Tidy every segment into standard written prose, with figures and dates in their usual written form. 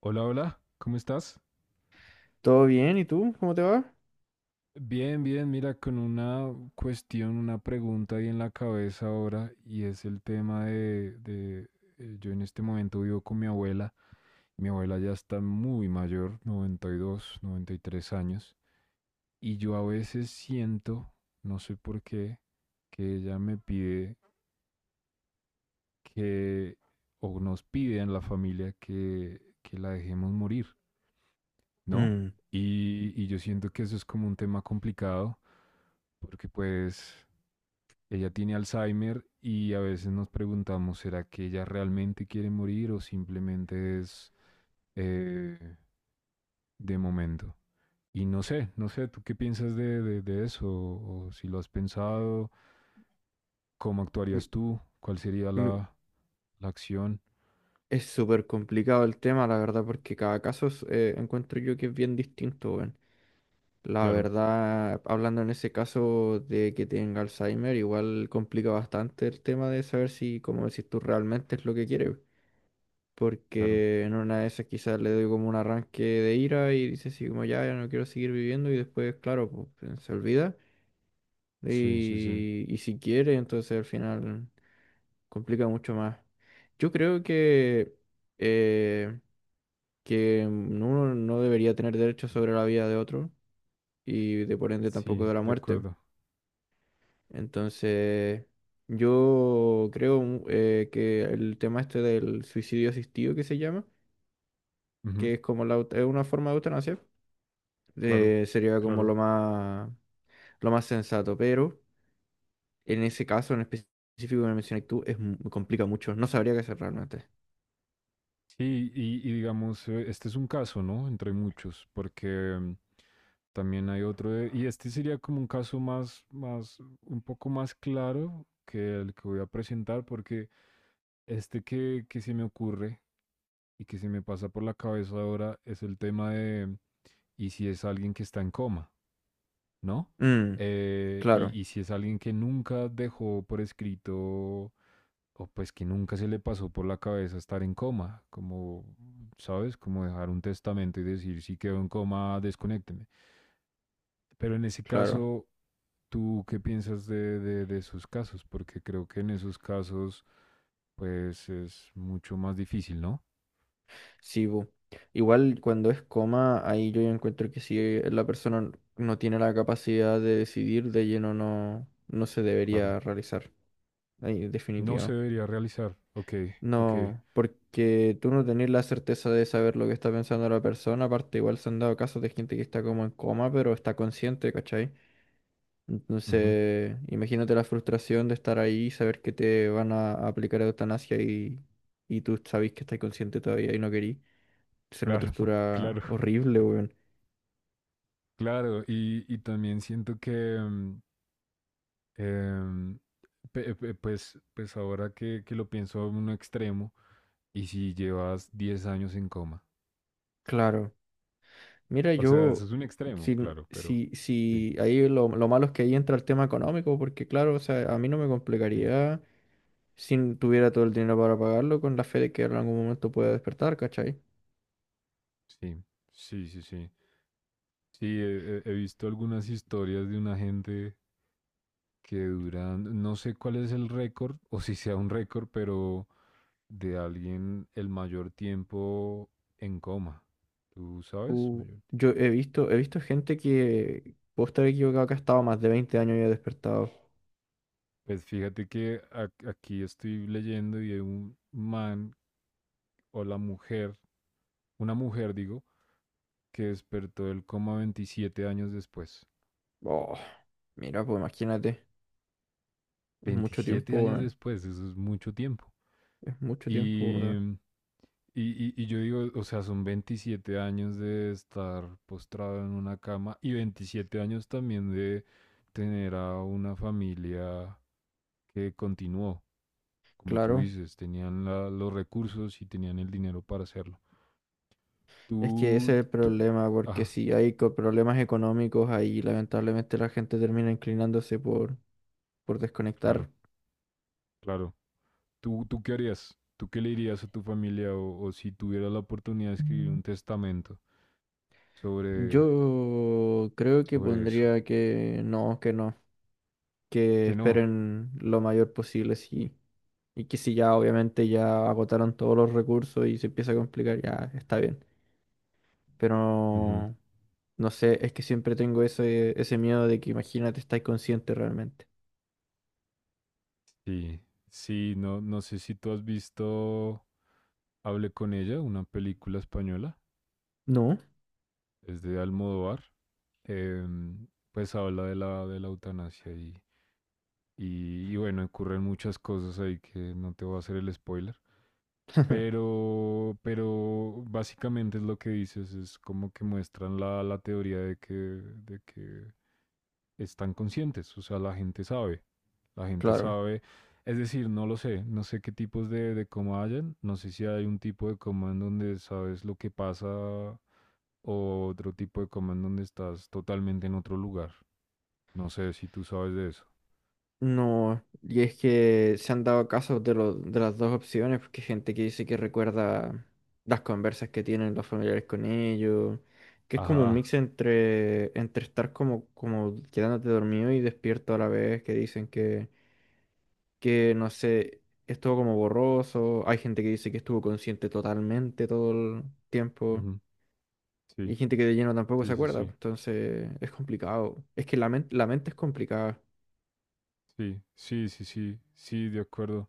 Hola, hola, ¿cómo estás? ¿Todo bien? ¿Y tú? ¿Cómo te va? Bien, bien, mira, con una cuestión, una pregunta ahí en la cabeza ahora, y es el tema de, yo en este momento vivo con mi abuela ya está muy mayor, 90, 92, 93 años, y yo a veces siento, no sé por qué, que ella me pide que, o nos pide en la familia que la dejemos morir, ¿no? Mm. Y yo siento que eso es como un tema complicado porque pues ella tiene Alzheimer y a veces nos preguntamos, ¿será que ella realmente quiere morir o simplemente es eh, de momento? Y no sé, no sé, ¿tú qué piensas de eso? O si lo has pensado, ¿cómo Mm, actuarías tú? ¿Cuál sería mm, la, la acción? es súper complicado el tema, la verdad, porque cada caso es, encuentro yo que es bien distinto, weón. La Claro, verdad, hablando en ese caso de que tenga Alzheimer, igual complica bastante el tema de saber si, como decís tú, realmente es lo que quiere, weón. claro. Porque en una de esas quizás le doy como un arranque de ira y dice así como ya, ya no quiero seguir viviendo y después, claro, pues, se olvida. Sí, sí, sí. Y si quiere, entonces al final complica mucho más. Yo creo eh, que uno no debería tener derecho sobre la vida de otro y de por ende tampoco Sí, de la de muerte. acuerdo. Entonces, yo creo que el tema este del suicidio asistido que se llama, Ujú. que es como es una forma de eutanasia, Claro, sería como claro. Lo más sensato. Pero en ese caso en específico que me mencioné tú, es, complica mucho. No sabría qué hacer realmente. Sí, y digamos, este es un caso, ¿no? Entre muchos, porque mm, también hay otro, y este sería como un caso más, más, un poco más claro que el que voy a presentar, porque este que se me ocurre y que se me pasa por la cabeza ahora es el tema de, ¿y si es alguien que está en coma, ¿no? Mm, Eh, claro, y, y si es alguien que nunca dejó por escrito o pues que nunca se le pasó por la cabeza estar en coma, como, ¿sabes? Como dejar un testamento y decir, si quedo en coma, desconécteme. Pero en ese claro. caso, ¿tú qué piensas de esos casos? Porque creo que en esos casos, pues es mucho más difícil, ¿no? Sí, bu. Igual cuando es coma, ahí yo ya encuentro que si la persona no tiene la capacidad de decidir, de lleno no, no se Claro. debería realizar. Ahí, No se definitivo. debería realizar. Ok, ok. No, porque tú no tenés la certeza de saber lo que está pensando la persona. Aparte, igual se han dado casos de gente que está como en coma, pero está consciente, ¿cachai? Ujú. Entonces, imagínate la frustración de estar ahí y saber que te van a aplicar eutanasia y tú sabes que estás consciente todavía y no querís. Será una Claro, tortura claro, horrible, weón. claro. Y también siento que, mm, em, pues, ahora que lo pienso en un extremo, ¿y si llevas 10 años en coma? Claro. Mira, O sea, eso es yo, un extremo, si, claro, pero si, sí, si ahí lo malo es que ahí entra el tema económico, porque claro, o sea, a mí no me sí, complicaría si tuviera todo el dinero para pagarlo con la fe de que en algún momento pueda despertar, ¿cachai? sí, sí, sí, sí. Sí, he visto algunas historias de una gente que duran, no sé cuál es el récord, o si sea un récord, pero de alguien el mayor tiempo en coma. ¿Tú sabes? Uh, Mayor... yo he visto gente que, puedo estar equivocado, que ha estado más de 20 años y ha despertado. Pues fíjate que aquí estoy leyendo y hay un man o la mujer, una mujer digo, que despertó del coma 27 años después. Oh, mira, pues imagínate, es mucho veintisiete tiempo, años weón. después, eso es mucho tiempo. Es mucho tiempo, Y, ¿verdad? mm, y yo digo, o sea, son 27 años de estar postrado en una cama y 27 años también de tener a una familia que continuó, como tú Claro. dices, tenían los recursos y tenían el dinero para hacerlo. Es que ese Tú, es el tú, problema, porque ah, si hay problemas económicos ahí, lamentablemente la gente termina inclinándose por claro, desconectar. claro. ¿Tú qué harías? ¿Tú qué le dirías a tu familia o si tuvieras la oportunidad de escribir un testamento sobre, Yo creo que sobre eso? pondría que no, que no, que Que no. esperen lo mayor posible, sí. Y que si ya obviamente ya agotaron todos los recursos y se empieza a complicar, ya está bien. Ujú. Pero no sé, es que siempre tengo ese, ese miedo de que imagínate, estáis consciente realmente. Sí, sí, no, no sé si tú has visto Hable con ella, una película española, No, es de Almodóvar. Em, pues habla de la eutanasia y bueno, ocurren muchas cosas ahí que no te voy a hacer el spoiler. Pero básicamente es lo que dices, es como que muestran la, la teoría de que están conscientes, o sea, la gente claro. sabe, es decir, no lo sé, no sé qué tipos de coma hayan, no sé si hay un tipo de coma en donde sabes lo que pasa o otro tipo de coma en donde estás totalmente en otro lugar, no sé si tú sabes de eso. No, y es que se han dado casos de las dos opciones, porque hay gente que dice que recuerda las conversas que tienen los familiares con ellos, que es como un Ajá. mix entre, entre estar como, como quedándote dormido y despierto a la vez, que dicen que no sé, estuvo como borroso, hay gente que dice que estuvo consciente totalmente todo el tiempo, Ujú. y Sí, hay gente que de lleno tampoco se sí, sí, acuerda, sí, pues, entonces es complicado, es que la mente es complicada, sí, sí, sí, sí, sí, de acuerdo.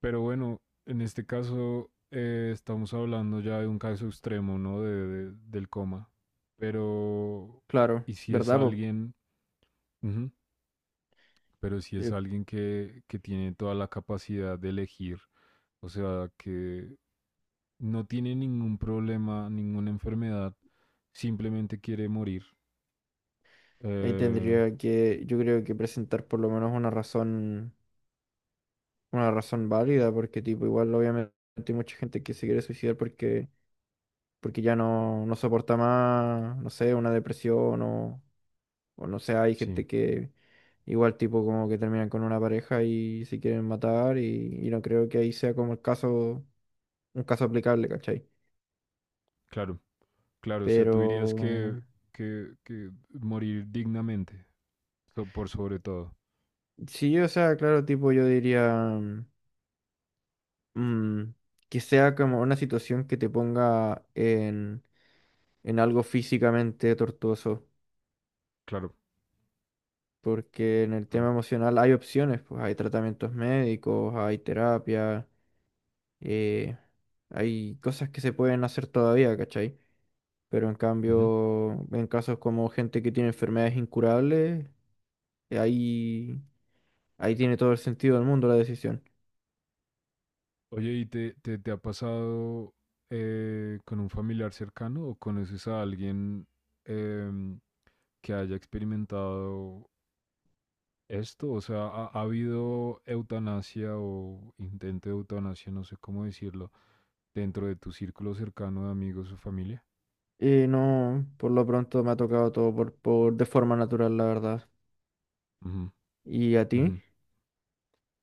Pero bueno, en este caso estamos hablando ya de un caso extremo, ¿no? De, del coma. Pero, claro, ¿y si es ¿verdad, po? alguien, ujú, pero si es Eh, alguien que tiene toda la capacidad de elegir, o sea, que no tiene ningún problema, ninguna enfermedad, simplemente quiere morir? Ahí Eh, tendría que, yo creo que presentar por lo menos una razón válida, porque tipo, igual obviamente hay mucha gente que se quiere suicidar porque, porque ya no, no soporta más, no sé, una depresión o no sé, hay sí, gente que igual tipo como que terminan con una pareja y se quieren matar y no creo que ahí sea como el caso, un caso aplicable, ¿cachai? claro. Claro, o sea, Pero tú dirías que morir dignamente, por sobre todo. sí, o sea, claro, tipo yo diría mm, que sea como una situación que te ponga en algo físicamente tortuoso, Claro, porque en el claro. tema emocional hay opciones, pues hay tratamientos médicos, hay terapia, eh, hay cosas que se pueden hacer todavía, ¿cachai? Pero en Ujú. cambio, en casos como gente que tiene enfermedades incurables, ahí, ahí tiene todo el sentido del mundo la decisión. Oye, ¿y te ha pasado con un familiar cercano o conoces a alguien em, que haya experimentado esto? O sea, ¿ha, ha habido eutanasia o intento de eutanasia, no sé cómo decirlo, dentro de tu círculo cercano de amigos o familia? Y no, por lo pronto me ha tocado todo por de forma natural, la verdad. Ujú, ¿Y a ti? ujú.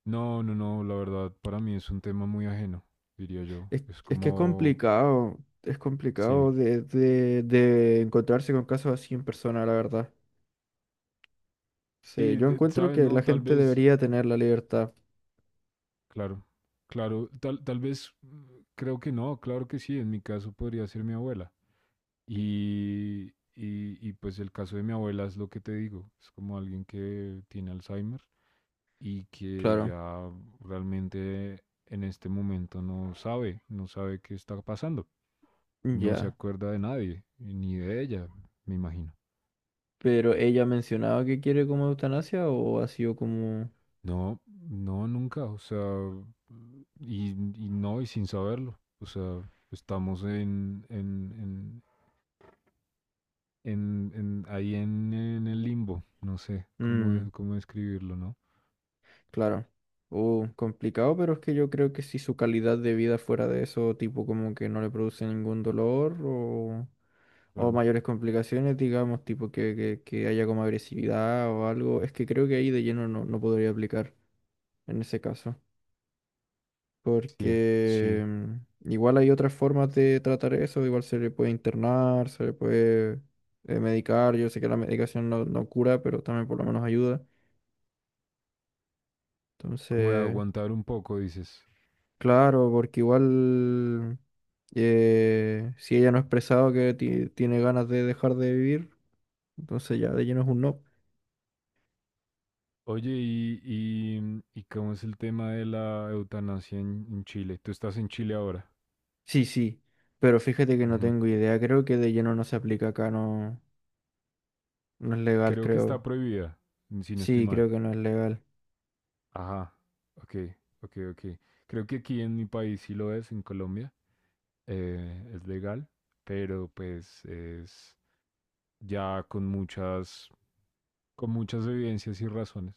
No, no, no, la verdad para mí es un tema muy ajeno, diría yo. Es Es que como, es sí, complicado de encontrarse con casos así en persona, la verdad. Sí, sí, yo encuentro sabes, que no, la tal gente vez, debería tener la libertad, claro, claro, tal vez, mm, creo que no, claro que sí, en mi caso podría ser mi abuela. Y pues el caso de mi abuela es lo que te digo, es como alguien que tiene Alzheimer y que claro, ya realmente en este momento no sabe, no sabe qué está pasando, no se ya. acuerda de nadie, ni de ella, me imagino. Pero ella ha mencionado que quiere como eutanasia o ha sido como... No, no, nunca, o sea, y no, y sin saberlo, o sea, estamos ahí en el limbo, no sé cómo, Mm, cómo describirlo, ¿no? claro. Complicado, pero es que yo creo que si su calidad de vida fuera de eso, tipo como que no le produce ningún dolor o Claro, mayores complicaciones, digamos, tipo que, que haya como agresividad o algo, es que creo que ahí de lleno no, no podría aplicar en ese caso, sí, sí, porque igual hay otras formas de tratar eso, igual se le puede internar, se le puede medicar, yo sé que la medicación no, no cura, pero también por lo menos ayuda, como de entonces, aguantar un poco, dices. claro, porque igual si ella no ha expresado que tiene ganas de dejar de vivir, entonces ya de lleno es un no. Oye, y cómo es el tema de la eutanasia en Chile? Tú estás en Chile ahora. Sí, sí, pero fíjate que no Ujú. tengo idea, creo que de lleno no se aplica acá, no, no es legal, Creo que está creo. prohibida, si no estoy Sí, mal. creo que no es legal. Ajá, ok, ok, ok. Creo que aquí en mi país sí lo es, en Colombia, es legal, pero pues es ya con muchas evidencias y razones,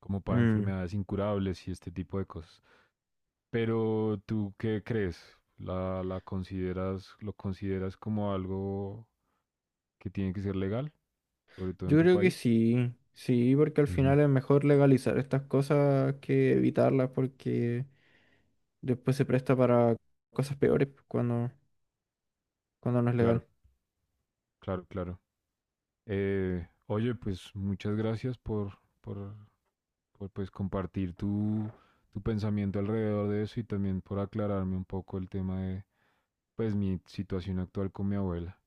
como para Mm. enfermedades incurables y este tipo de cosas. Pero ¿tú qué crees? ¿La, la consideras, lo consideras como algo que tiene que ser legal, sobre todo en Yo tu creo que país? sí, sí, porque al Ujú. final es mejor legalizar estas cosas que evitarlas porque después se presta para cosas peores pues, cuando, cuando no es Claro, legal. claro, claro. Oye, pues muchas gracias por pues compartir tu, tu pensamiento alrededor de eso y también por aclararme un poco el tema de pues mi situación actual con mi abuela.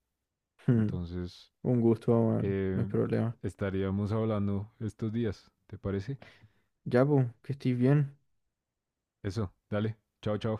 Entonces, Un gusto, bueno, no hay eh, problema. estaríamos hablando estos días, ¿te parece? Ya, pues, que estés bien. Eso, dale, chao, chao.